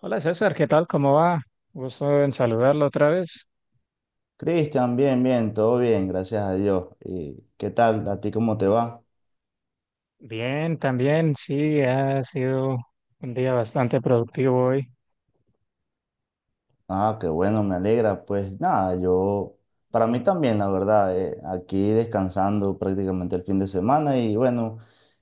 Hola César, ¿qué tal? ¿Cómo va? Gusto en saludarlo otra vez. Cristian, bien, bien, todo bien, gracias a Dios. ¿Y qué tal? ¿A ti cómo te va? Bien, también, sí, ha sido un día bastante productivo hoy. Ah, qué bueno, me alegra. Pues nada, yo, para mí también, la verdad, aquí descansando prácticamente el fin de semana y bueno,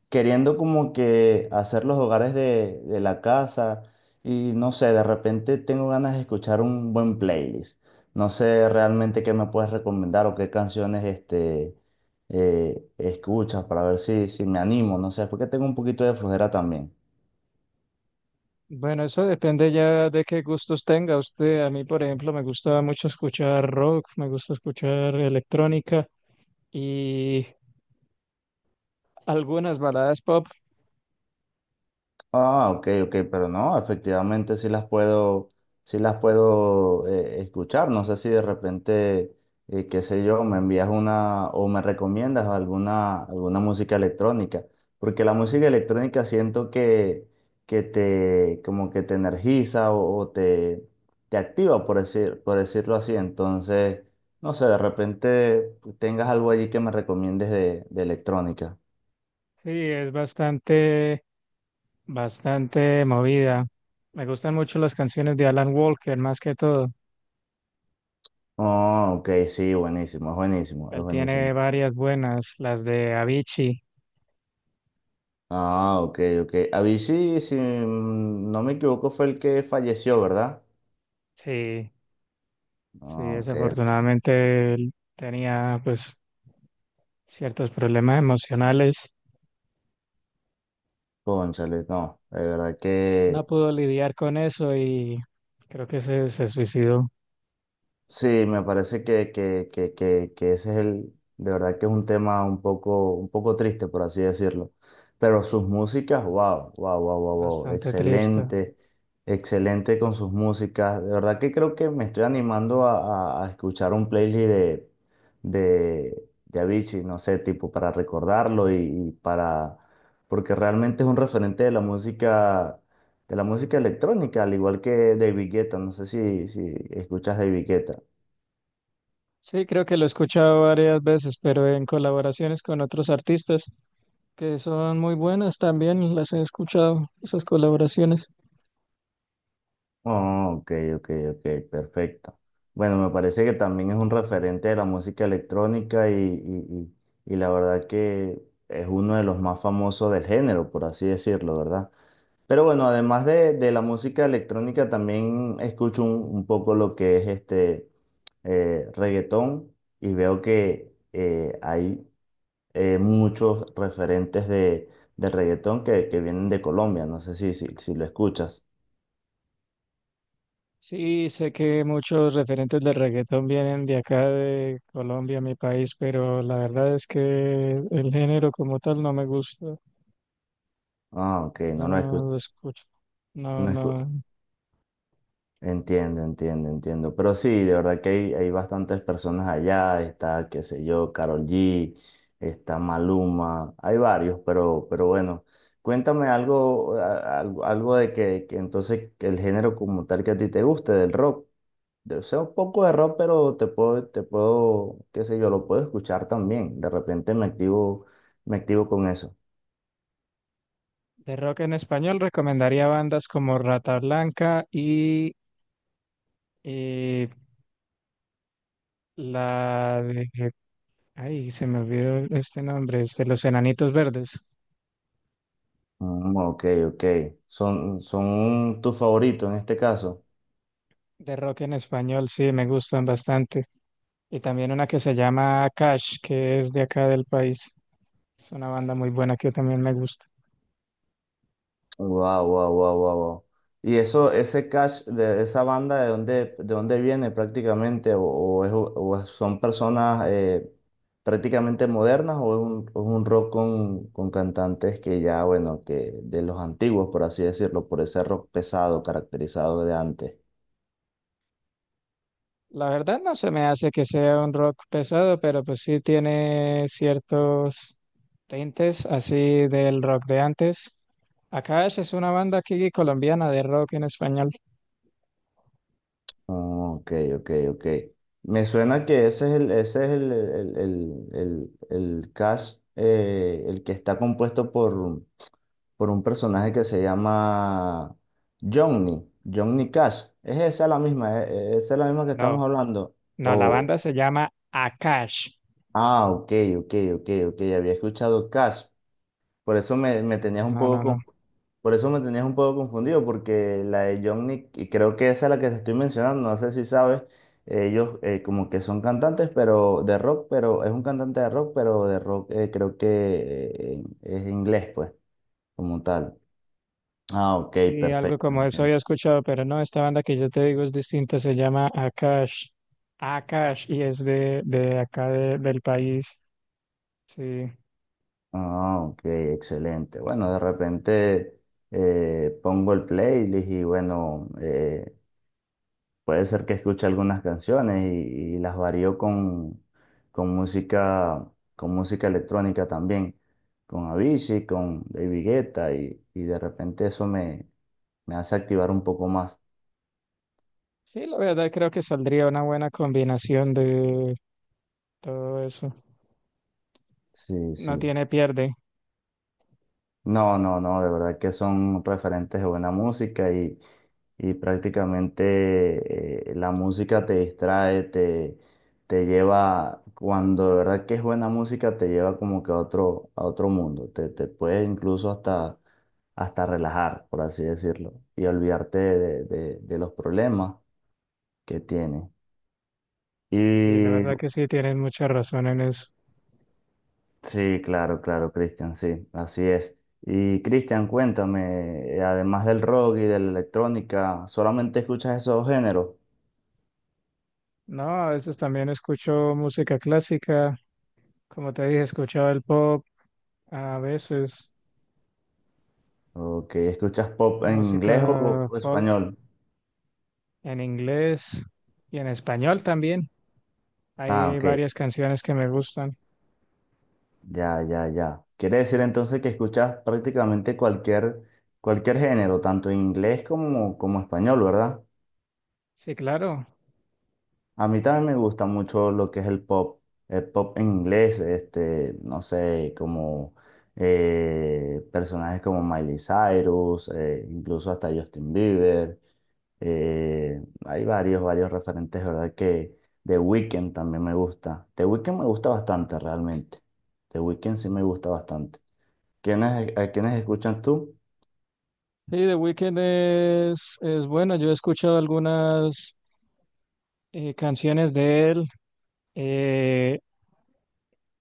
queriendo como que hacer los hogares de la casa y no sé, de repente tengo ganas de escuchar un buen playlist. No sé realmente qué me puedes recomendar o qué canciones este, escuchas para ver si me animo, no sé, porque tengo un poquito de flojera también. Bueno, eso depende ya de qué gustos tenga usted. A mí, por ejemplo, me gusta mucho escuchar rock, me gusta escuchar electrónica y algunas baladas pop. Ah, ok, ok, pero no, efectivamente sí las puedo escuchar. No sé si de repente, qué sé yo, me envías una o me recomiendas alguna, alguna música electrónica, porque la música electrónica siento que te, como que te energiza o te activa, por decir, por decirlo así. Entonces, no sé, de repente tengas algo allí que me recomiendes de electrónica. Sí, es bastante, bastante movida. Me gustan mucho las canciones de Alan Walker, más que todo. Oh, ok, sí, buenísimo, es buenísimo, es Él tiene buenísimo. varias buenas, las de Avicii. Ah, ok, ok. Avicii, si no me equivoco, fue el que falleció, ¿verdad? Sí. Sí, Ah, ok, ok. desafortunadamente él tenía pues ciertos problemas emocionales, Cónchales, no. De verdad no que pudo lidiar con eso y creo que se suicidó, sí, me parece que ese es el, de verdad que es un tema un poco triste, por así decirlo. Pero sus músicas, wow, wow, wow, wow, wow, bastante triste. excelente, excelente con sus músicas. De verdad que creo que me estoy animando a escuchar un playlist de Avicii, no sé, tipo para recordarlo y para, porque realmente es un referente de la música electrónica, al igual que David Guetta, no sé si, si escuchas David Guetta. Sí, creo que lo he escuchado varias veces, pero en colaboraciones con otros artistas que son muy buenas también, las he escuchado, esas colaboraciones. Oh, ok, ok, ok, perfecto. Bueno, me parece que también es un referente de la música electrónica y la verdad que es uno de los más famosos del género, por así decirlo, ¿verdad? Pero bueno, además de la música electrónica, también escucho un poco lo que es este reggaetón y veo que hay muchos referentes de reggaetón que vienen de Colombia. No sé si lo escuchas. Sí, sé que muchos referentes del reggaetón vienen de acá, de Colombia, mi país, pero la verdad es que el género como tal no me gusta. Ah, ok, No no lo escucho. lo escucho. No, no. Entiendo, entiendo, entiendo. Pero sí, de verdad que hay bastantes personas allá. Está, qué sé yo, Karol G, está Maluma, hay varios, pero bueno, cuéntame algo, algo de que entonces que el género como tal que a ti te guste, del rock. O sea, un poco de rock, pero te puedo, qué sé yo, lo puedo escuchar también. De repente me activo con eso. De rock en español recomendaría bandas como Rata Blanca y eh, la de... Ay, se me olvidó este nombre, es de Los Enanitos Verdes. Mm, ok, ok. Son, son tus favoritos en este caso. De rock en español, sí, me gustan bastante. Y también una que se llama Cash, que es de acá del país. Es una banda muy buena que también me gusta. Wow, wow, wow, wow, wow. Y eso, ese cash de esa banda, de dónde viene prácticamente? ¿O, son personas prácticamente modernas o es un rock con cantantes que ya, bueno, que de los antiguos, por así decirlo, por ese rock pesado caracterizado de antes? La verdad no se me hace que sea un rock pesado, pero pues sí tiene ciertos tintes así del rock de antes. Akash es una banda aquí colombiana de rock en español. Oh, ok, ok, ok. Me suena que ese es el, el cash, el que está compuesto por un personaje que se llama Johnny, Johnny Cash. ¿Es esa la misma? ¿Esa es la misma que No, estamos hablando? no, la O, banda se llama Akash. ah, ok, ok, ok, ok, había escuchado Cash. Por eso me, me tenías un No, no, poco no. con- por eso me tenías un poco confundido, porque la de Johnny, y creo que esa es la que te estoy mencionando, no sé si sabes, ellos como que son cantantes, pero de rock, pero es un cantante de rock, pero de rock creo que es inglés, pues, como tal. Ah, ok, Y algo perfecto, como eso entiendo. había escuchado, pero no, esta banda que yo te digo es distinta, se llama Akash. Akash y es de acá de- del país. Sí. Ah, ok, excelente. Bueno, de repente pongo el playlist y bueno, puede ser que escuche algunas canciones y las varío con música, con música electrónica también, con Avicii, con David Guetta y de repente eso me, me hace activar un poco más. Sí, la verdad creo que saldría una buena combinación de todo eso. Sí, No sí. tiene pierde. No, no, no, de verdad que son referentes de buena música y prácticamente la música te distrae, te lleva, cuando de verdad que es buena música, te lleva como que a otro mundo, te puede incluso hasta, hasta relajar, por así decirlo, y olvidarte de, de los problemas que tienes. Y la Y verdad que sí, tienen mucha razón en eso. sí, claro, claro, Cristian, sí, así es. Y Cristian, cuéntame, además del rock y de la electrónica, ¿solamente escuchas esos géneros? No, a veces también escucho música clásica. Como te dije, escuchaba el pop, a veces ¿O que escuchas pop en inglés música o folk español? en inglés y en español también. Ah, Hay ok, varias canciones que me gustan. ya, ya, ya. Quiere decir entonces que escuchas prácticamente cualquier, cualquier género, tanto en inglés como, como español, ¿verdad? Sí, claro. A mí también me gusta mucho lo que es el pop en inglés, este, no sé, como personajes como Miley Cyrus, incluso hasta Justin Bieber. eh, Hay varios, varios referentes, ¿verdad? Que The Weeknd también me gusta. The Weeknd me gusta bastante, realmente. The Weeknd sí me gusta bastante. ¿Quiénes, a quiénes escuchas tú? Sí, The Weeknd es bueno. Yo he escuchado algunas canciones de él. Eh,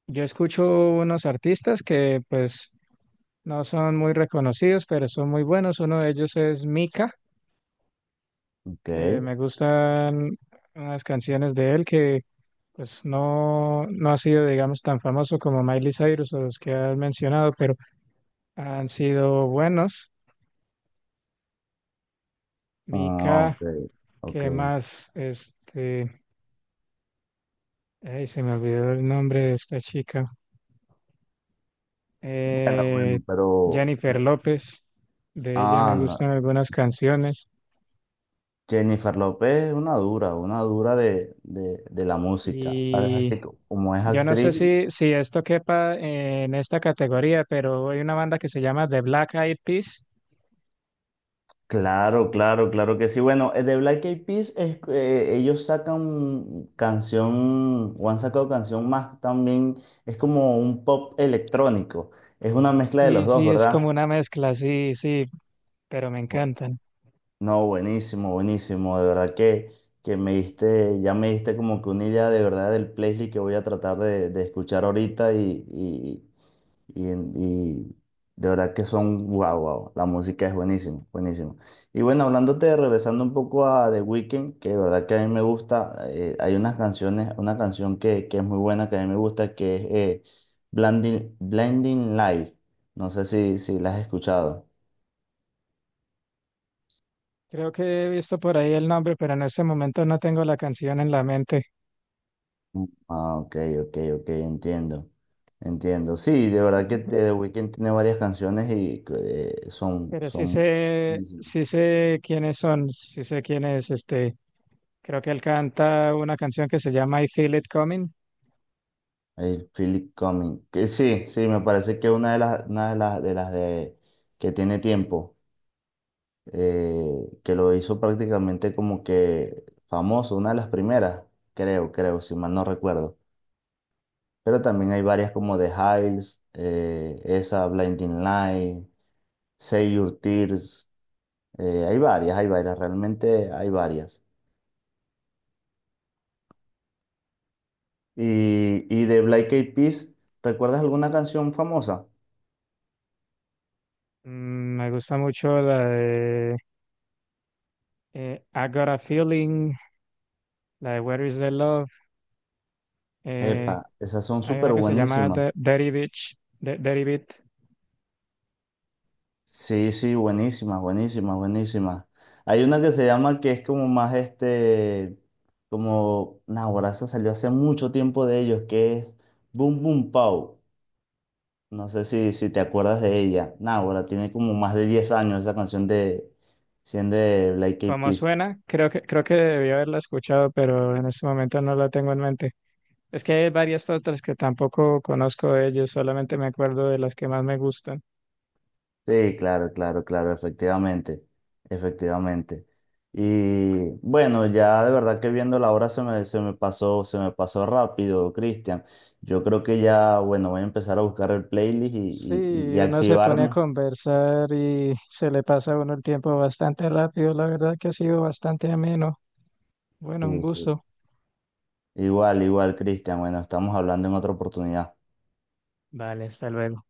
yo escucho unos artistas que pues no son muy reconocidos, pero son muy buenos. Uno de ellos es Mika, Ok, que me gustan unas canciones de él que pues no, no ha sido, digamos, tan famoso como Miley Cyrus o los que has mencionado, pero han sido buenos. ah, Mika, ok, ok. ¿qué más? Este, ay, se me olvidó el nombre de esta chica. Bueno, Eh, bueno, pero... Jennifer López, de ella Ah, me no, gustan algunas canciones. Jennifer López es una dura de la música. Y Como es yo no sé actriz, si esto quepa en esta categoría, pero hay una banda que se llama The Black Eyed Peas. claro, claro, claro que sí. Bueno, de Black Eyed Peas, ellos sacan canción, o han sacado canción más también, es como un pop electrónico. Es una mezcla de los Sí, dos, sí, es como ¿verdad? una mezcla, sí, sí, pero me Bu- encantan. No, buenísimo, buenísimo. De verdad que me diste, ya me diste como que una idea de verdad del playlist que voy a tratar de escuchar ahorita y, y de verdad que son, wow, wow, la música es buenísima, buenísima. Y bueno, hablándote, regresando un poco a The Weeknd, que de verdad que a mí me gusta, hay unas canciones, una canción que es muy buena, que a mí me gusta, que es Blinding, Blinding Light. No sé si, si la has escuchado. Creo que he visto por ahí el nombre, pero en este momento no tengo la canción en la mente. Mm. Ah, ok, ok, ok, entiendo. Entiendo. Sí, de verdad que The Weeknd tiene varias canciones y son, Pero son buenísimas. sí sé quiénes son, sí sé quién es este. Creo que él canta una canción que se llama I Feel It Coming. El Philip Cumming. Que sí, sí, me parece que una de las, de las de que tiene tiempo, que lo hizo prácticamente como que famoso, una de las primeras, creo, creo, si mal no recuerdo. Pero también hay varias como The Hills, esa, Blinding Light, Save Your Tears, hay varias, realmente hay varias. Y, y de Black Eyed Peas, ¿recuerdas alguna canción famosa? Mm, me gusta mucho la de I Got a Feeling, la de Where Is the Love. eh, Epa, esas son Hay súper una que se llama The buenísimas. Dirty Beach, de Dirty Beat. Sí, sí, buenísimas, buenísimas, buenísimas. Hay una que se llama que es como más este, como, nah, esa salió hace mucho tiempo de ellos, que es Boom Boom Pow. No sé si, si te acuerdas de ella. Nah, ahora tiene como más de 10 años esa canción de, siendo de Black Eyed ¿Cómo Peas. suena? Creo que debí haberla escuchado, pero en este momento no la tengo en mente. Es que hay varias otras que tampoco conozco de ellos, solamente me acuerdo de las que más me gustan. Sí, claro, claro, claro, efectivamente, efectivamente. Y bueno, ya de verdad que viendo la hora se me pasó rápido, Cristian. Yo creo que ya, bueno, voy a empezar a buscar el playlist Sí, y uno se pone a activarme. conversar y se le pasa a uno el tiempo bastante rápido. La verdad que ha sido bastante ameno. Sí, Bueno, un sí. gusto. Igual, igual, Cristian. Bueno, estamos hablando en otra oportunidad. Vale, hasta luego.